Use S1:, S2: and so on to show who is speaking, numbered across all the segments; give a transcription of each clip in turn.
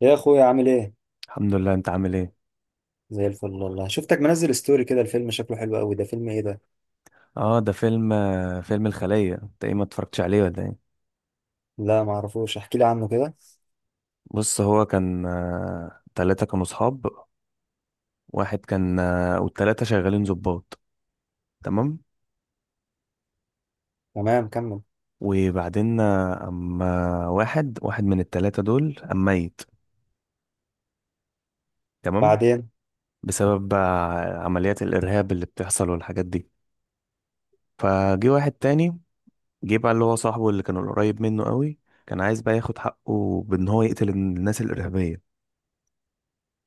S1: يا اخويا، عامل ايه؟
S2: الحمد لله. انت عامل ايه؟
S1: زي الفل والله. شفتك منزل ستوري كده، الفيلم شكله حلو قوي. ده فيلم ايه ده؟
S2: اه، ده فيلم فيلم الخلية. انت ايه، ما اتفرجتش عليه ولا ايه؟
S1: لا، ما اعرفوش. احكي لي عنه كده.
S2: بص، هو كان تلاتة كانوا صحاب. واحد كان والتلاتة شغالين ضباط. تمام.
S1: تمام، كمل.
S2: وبعدين اما واحد من التلاتة دول اما ميت. تمام.
S1: بعدين.
S2: بسبب عمليات الارهاب اللي بتحصل والحاجات دي. فجي واحد تاني، جه بقى اللي هو صاحبه اللي كان قريب منه قوي. كان عايز بقى ياخد حقه بان هو يقتل الناس الارهابية.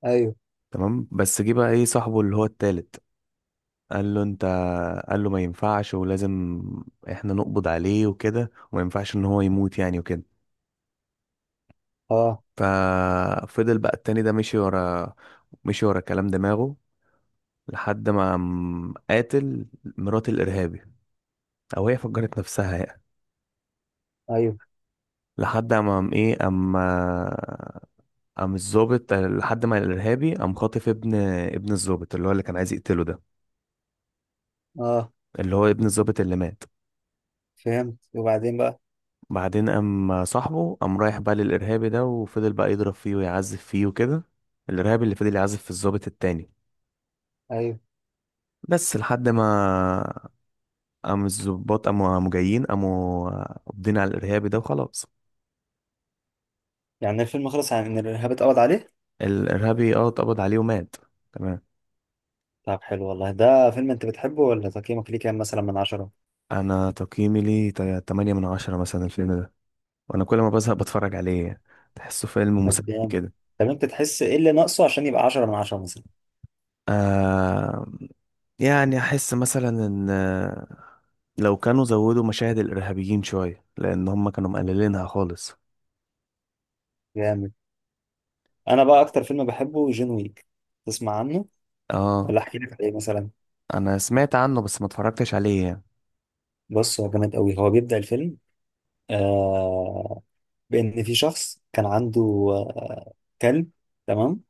S1: ايوه.
S2: تمام. بس جه بقى ايه صاحبه اللي هو التالت، قال له انت، قال له ما ينفعش، ولازم احنا نقبض عليه وكده، وما ينفعش ان هو يموت يعني وكده.
S1: اه.
S2: ففضل بقى التاني ده مشي ورا، مشي ورا كلام دماغه، لحد ما قام قاتل مرات الارهابي، او هي فجرت نفسها يعني.
S1: ايوه.
S2: لحد ما قام ايه، اما قام الظابط لحد ما الارهابي قام خاطف ابن، ابن الظابط اللي هو اللي كان عايز يقتله ده،
S1: اه.
S2: اللي هو ابن الظابط اللي مات.
S1: فهمت، وبعدين بقى؟
S2: بعدين قام صاحبه قام رايح بقى للإرهابي ده، وفضل بقى يضرب فيه ويعذب فيه وكده. الإرهابي اللي فضل يعذب في الضابط التاني.
S1: ايوه.
S2: بس لحد ما قام الضباط، قاموا جايين، قاموا قابضين على الإرهابي ده وخلاص.
S1: يعني الفيلم خلص عن ان الارهاب اتقبض عليه؟
S2: الإرهابي اه اتقبض عليه ومات. تمام.
S1: طب حلو والله. ده فيلم انت بتحبه؟ ولا تقييمك ليه كام مثلا من 10؟
S2: أنا تقييمي ليه 8 من 10 مثلا الفيلم ده. وأنا كل ما بزهق بتفرج عليه. تحسه فيلم
S1: طب
S2: مسلي
S1: جامد.
S2: كده.
S1: طب انت تحس ايه اللي ناقصه عشان يبقى 10 من 10 مثلا؟
S2: آه، يعني أحس مثلا إن لو كانوا زودوا مشاهد الارهابيين شويه، لان هم كانوا مقللينها خالص.
S1: جامد. انا بقى اكتر فيلم بحبه جون ويك. تسمع عنه؟
S2: اه.
S1: ولا احكي لك عليه مثلا؟
S2: انا سمعت عنه بس ما اتفرجتش عليه يعني.
S1: بص، هو جامد قوي. هو بيبدأ الفيلم، آه بان في شخص كان عنده، آه كلب. تمام.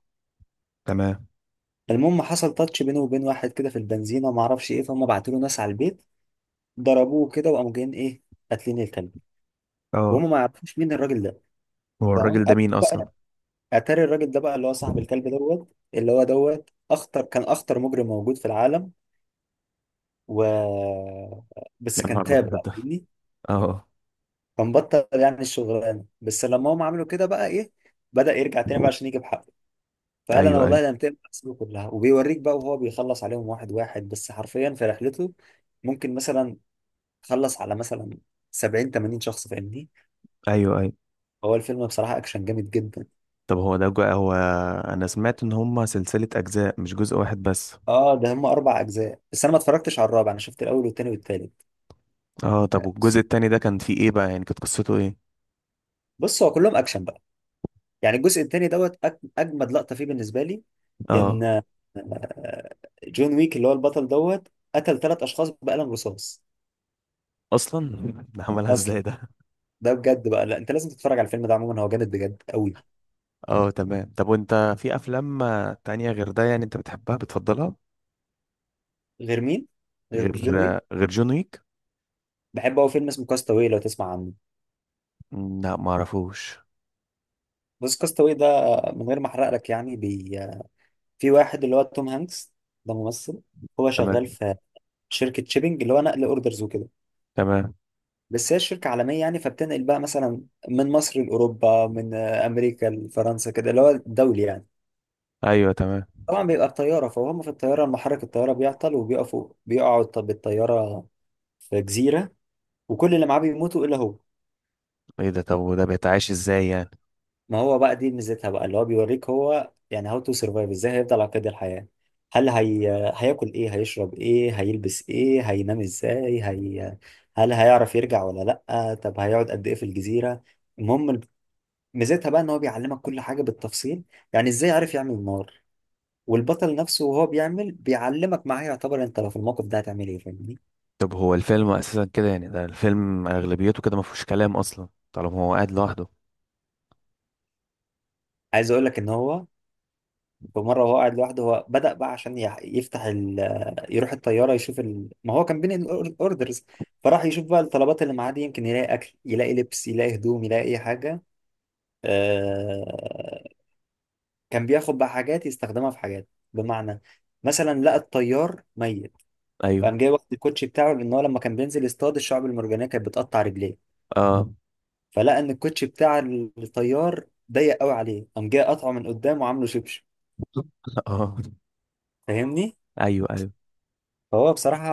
S2: تمام.
S1: المهم حصل تاتش بينه وبين واحد كده في البنزينه، ما اعرفش ايه، فهم بعتوا له ناس على البيت، ضربوه كده وقاموا جايين ايه، قاتلين الكلب.
S2: اه.
S1: وهم ما يعرفوش مين الراجل ده.
S2: هو
S1: تمام.
S2: الراجل ده مين اصلا؟
S1: بقى، اتاري الراجل ده بقى اللي هو صاحب الكلب دوت. اللي هو دوت كان اخطر مجرم موجود في العالم. و بس
S2: يا
S1: كان
S2: نهار
S1: تاب
S2: ابيض،
S1: بقى،
S2: اه.
S1: فاهمني؟
S2: آه.
S1: كان بطل يعني الشغلانه. بس لما هم عملوا كده بقى ايه، بدأ يرجع تاني بقى عشان يجيب حقه. فقال انا
S2: ايوه ايوه.
S1: والله لم تقبل احسابه كلها. وبيوريك بقى وهو بيخلص عليهم واحد واحد، بس حرفيا، في رحلته. ممكن مثلا خلص على مثلا 70 80 شخص، فاهمني؟
S2: ايوه ايوه.
S1: هو الفيلم بصراحة اكشن جامد جدا.
S2: طب هو ده هو انا سمعت ان هم سلسله اجزاء، مش جزء واحد بس.
S1: اه، ده هم 4 اجزاء. بس انا ما اتفرجتش على الرابع. انا شفت الاول والتاني والتالت.
S2: اه. طب والجزء التاني ده كان فيه ايه بقى، يعني كانت قصته ايه؟
S1: بص، هو كلهم اكشن بقى. يعني الجزء التاني دوت، اجمد لقطة فيه بالنسبة لي. ان
S2: اه.
S1: جون ويك اللي هو البطل دوت، قتل 3 اشخاص بقلم رصاص.
S2: اصلا. ده عملها ازاي
S1: اصلا،
S2: ده؟
S1: ده بجد بقى. لا، انت لازم تتفرج على الفيلم ده. عموما هو جامد بجد قوي.
S2: اه تمام. طب وانت في افلام تانية غير ده يعني انت بتحبها بتفضلها؟
S1: غير مين؟ غير
S2: غير،
S1: جون ويك؟
S2: غير جون ويك.
S1: بحب قوي فيلم اسمه كاستاوي، لو تسمع عنه.
S2: لا معرفوش.
S1: بص كاستاوي ده، من غير ما احرق لك يعني، في واحد اللي هو توم هانكس. ده ممثل. هو شغال
S2: تمام
S1: في شركة شيبنج، اللي هو نقل اوردرز وكده.
S2: تمام.
S1: بس هي الشركة عالمية يعني، فبتنقل بقى مثلا من مصر لأوروبا، من أمريكا لفرنسا، كده اللي هو دولي يعني.
S2: ايوه تمام.
S1: طبعا بيبقى بطيارة، فهم في الطيارة محرك الطيارة بيعطل وبيقفوا، بيقعوا بالطيارة في جزيرة. وكل اللي معاه بيموتوا إلا هو.
S2: ايه ده، طب وده بيتعاش ازاي يعني؟
S1: ما هو بقى دي ميزتها بقى، اللي هو بيوريك هو يعني هاو تو سرفايف، ازاي هيفضل على قيد الحياة. هل هي... هياكل ايه، هيشرب ايه، هيلبس ايه، هينام ازاي، هل هيعرف يرجع ولا؟ لأ، طب هيقعد قد ايه في الجزيرة؟ المهم، ميزتها بقى ان هو بيعلمك كل حاجة بالتفصيل. يعني ازاي عرف يعمل نار. والبطل نفسه وهو بيعمل بيعلمك معاه، يعتبر انت لو في الموقف ده هتعمل ايه، فاهمني؟
S2: طب هو الفيلم اساسا كده يعني، ده الفيلم اغلبيته كده ما فيهوش كلام اصلا طالما هو قاعد لوحده؟
S1: عايز اقول لك ان هو، فمرة وهو قاعد لوحده، هو بدأ بقى عشان يفتح يروح الطيارة يشوف ما هو كان بين الأوردرز. فراح يشوف بقى الطلبات اللي معاه دي، يمكن يلاقي أكل، يلاقي لبس، يلاقي هدوم، يلاقي أي حاجة. آه... كان بياخد بقى حاجات يستخدمها في حاجات، بمعنى مثلا لقى الطيار ميت. فقام
S2: ايوه.
S1: جاي واخد الكوتشي بتاعه، لأن هو لما كان بينزل يصطاد الشعب المرجانية كانت بتقطع رجليه.
S2: اه.
S1: فلقى إن الكوتشي بتاع الطيار ضيق قوي عليه، قام جاي قطعه من قدام وعامله شبشب.
S2: اه.
S1: فاهمني؟
S2: ايوه ايوه.
S1: فهو بصراحة،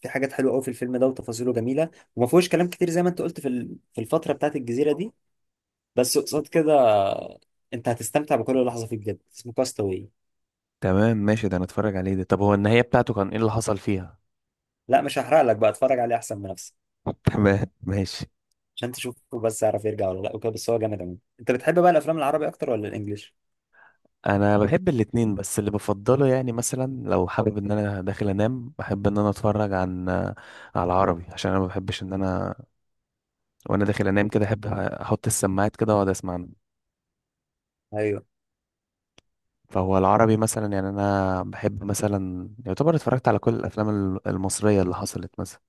S1: في حاجات حلوة قوي في الفيلم ده وتفاصيله جميلة. وما فيهوش كلام كتير زي ما انت قلت في في الفترة بتاعت الجزيرة دي. بس قصاد كده، انت هتستمتع بكل لحظة فيه بجد. اسمه كاستاوي.
S2: تمام ماشي، ده نتفرج عليه ده. طب هو النهاية بتاعته كان ايه اللي حصل فيها؟
S1: لا، مش هحرق لك بقى، اتفرج عليه احسن من نفسك.
S2: تمام ماشي.
S1: عشان تشوفه بس، يعرف يرجع ولا لا وكده. بس هو جامد قوي. انت بتحب بقى الافلام العربي اكتر ولا الانجليش؟
S2: انا بحب الاتنين، بس اللي بفضله يعني مثلا لو حابب ان انا داخل انام، بحب ان انا اتفرج على عربي، عشان انا ما بحبش ان انا، وانا داخل انام كده، احب احط السماعات كده واقعد اسمع.
S1: ايوه.
S2: فهو العربي مثلا، يعني انا بحب مثلا، يعتبر اتفرجت على كل الافلام المصريه اللي حصلت مثلا.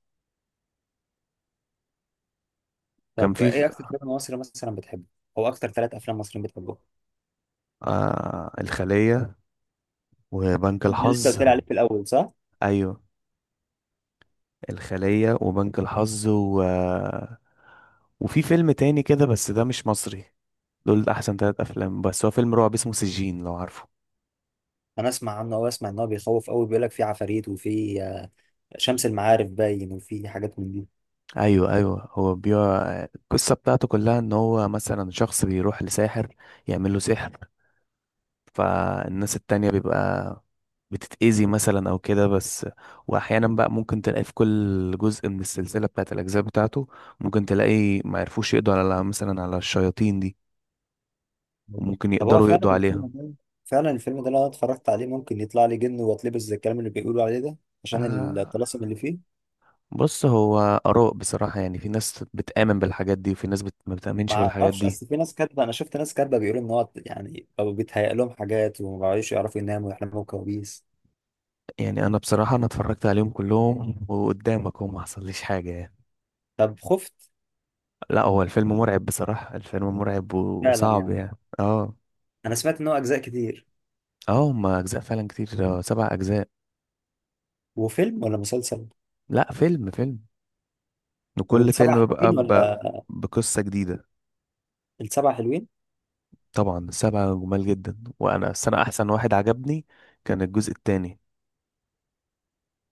S2: كان
S1: طب ايه اكتر فيلم مصري مثلا بتحبه؟ او اكتر 3 افلام مصريين بتحبهم؟
S2: آه الخليه وبنك
S1: ده اللي انت
S2: الحظ.
S1: قلت لي عليه في الاول، صح؟
S2: ايوه. الخليه وبنك الحظ، و وفي فيلم تاني كده بس ده مش مصري. دول احسن ثلاث افلام. بس هو فيلم رعب اسمه سجين، لو عارفه.
S1: انا اسمع عنه، او اسمع ان هو بيخوف قوي، بيقول لك فيه عفاريت وفيه شمس المعارف باين، وفيه حاجات من دي.
S2: ايوه ايوه. هو القصه بتاعته كلها ان هو مثلا شخص بيروح لساحر يعمل له سحر، فالناس التانية بيبقى بتتأذي مثلا أو كده. بس، وأحيانا بقى ممكن تلاقي في كل جزء من السلسلة بتاعة الأجزاء بتاعته، ممكن تلاقي ما يعرفوش يقضوا على مثلا على الشياطين دي، وممكن
S1: طب هو
S2: يقدروا
S1: فعلا
S2: يقضوا
S1: الفيلم
S2: عليها.
S1: ده فعلا الفيلم ده لو انا اتفرجت عليه ممكن يطلع لي جن واتلبس، زي الكلام اللي بيقولوا عليه ده، عشان
S2: آه.
S1: الطلاسم اللي فيه؟
S2: بص هو آراء بصراحة، يعني في ناس بتآمن بالحاجات دي، وفي ناس ما بتآمنش
S1: ما
S2: بالحاجات
S1: اعرفش،
S2: دي.
S1: اصل في ناس كاتبه، انا شفت ناس كاتبه بيقولوا ان هو يعني بقوا بيتهيأ لهم حاجات، وما بقوش يعرفوا يناموا ويحلموا كوابيس.
S2: يعني أنا بصراحة أنا اتفرجت عليهم كلهم وقدامك، وما حصليش حاجة يعني.
S1: طب خفت؟
S2: لا، هو الفيلم مرعب بصراحة، الفيلم مرعب
S1: فعلا
S2: وصعب
S1: يعني.
S2: يعني، اه.
S1: انا سمعت ان هو اجزاء كتير.
S2: اه، هما اجزاء فعلا كتير، 7 اجزاء.
S1: وفيلم ولا مسلسل؟
S2: لا، فيلم فيلم. وكل
S1: والسبع
S2: فيلم بقى
S1: حلوين ولا؟
S2: بقصة جديدة.
S1: السبع 7 حلوين.
S2: طبعا 7 جمال جدا، وانا السنة احسن واحد عجبني كان الجزء التاني.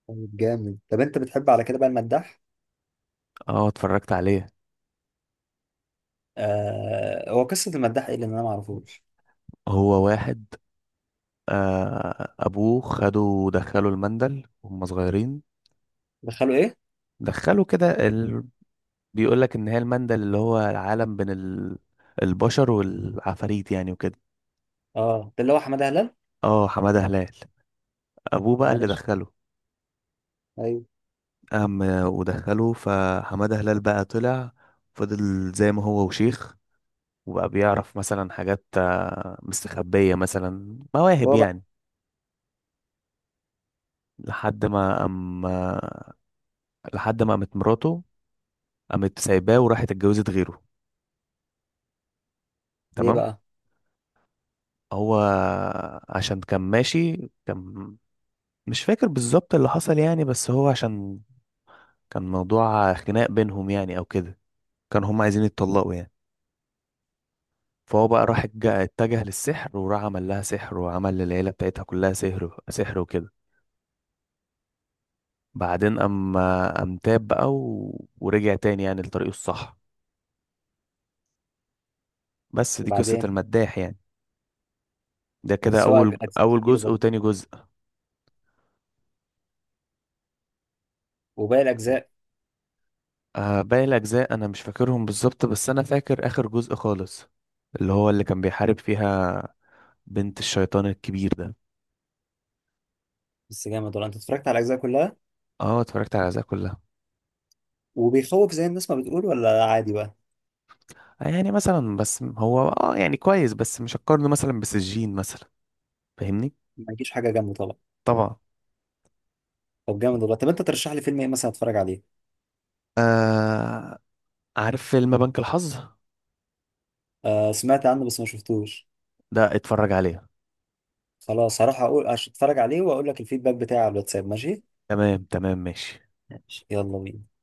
S1: طيب جامد. طب انت بتحب على كده بقى المداح؟
S2: اه اتفرجت عليه.
S1: آه، هو قصه المداح ايه اللي انا ما اعرفوش؟
S2: هو واحد، آه، ابوه خده ودخله المندل وهم صغيرين.
S1: دخلوا ايه؟
S2: دخلوا كده بيقول لك ان هي المندل اللي هو العالم بين البشر والعفاريت يعني وكده.
S1: اه، ده اللي هو حماده هلال.
S2: اه حمادة هلال، ابوه بقى اللي
S1: ماشي.
S2: دخله.
S1: ايوه.
S2: قام ودخله، فحمادة هلال بقى طلع، فضل زي ما هو وشيخ، وبقى بيعرف مثلا حاجات مستخبية، مثلا مواهب
S1: هو بقى،
S2: يعني. لحد ما قام لحد ما قامت مراته، قامت سايباه وراحت اتجوزت غيره.
S1: ليه
S2: تمام.
S1: بقى؟
S2: هو عشان كان ماشي، كان مش فاكر بالظبط اللي حصل يعني، بس هو عشان كان موضوع خناق بينهم يعني او كده، كانوا هم عايزين يتطلقوا يعني. فهو بقى راح اتجه للسحر، وراح عمل لها سحر، وعمل للعيلة بتاعتها كلها سحر وكده. بعدين أما أم تاب بقى ورجع تاني يعني لطريقه الصح. بس دي قصة
S1: وبعدين؟
S2: المداح يعني. ده كده
S1: بس هو
S2: أول
S1: اجزاء
S2: أول
S1: كتير
S2: جزء
S1: برضه.
S2: وتاني جزء.
S1: وباقي الاجزاء؟
S2: آه باقي الأجزاء أنا مش فاكرهم بالظبط، بس أنا فاكر آخر جزء خالص، اللي هو اللي كان بيحارب فيها بنت الشيطان الكبير ده.
S1: بس جامد والله. انت اتفرجت على الاجزاء كلها؟
S2: اه اتفرجت على الأجزاء كلها.
S1: وبيخوف زي الناس ما بتقول ولا عادي بقى؟
S2: آه، يعني مثلا بس هو اه، يعني كويس، بس مش هقارنه مثلا بسجين مثلا، فاهمني.
S1: ما يجيش حاجه جنبه طبعا.
S2: طبعا.
S1: طب جامد والله. طب انت ترشح لي فيلم ايه مثلا اتفرج عليه؟
S2: آه. عارف فيلم بنك الحظ؟
S1: آه، سمعت عنه بس ما شفتوش.
S2: ده اتفرج عليه.
S1: خلاص، هروح اقول اتفرج عليه واقول لك الفيدباك بتاعي على الواتساب، ماشي؟
S2: تمام تمام ماشي.
S1: ماشي، يلا بينا.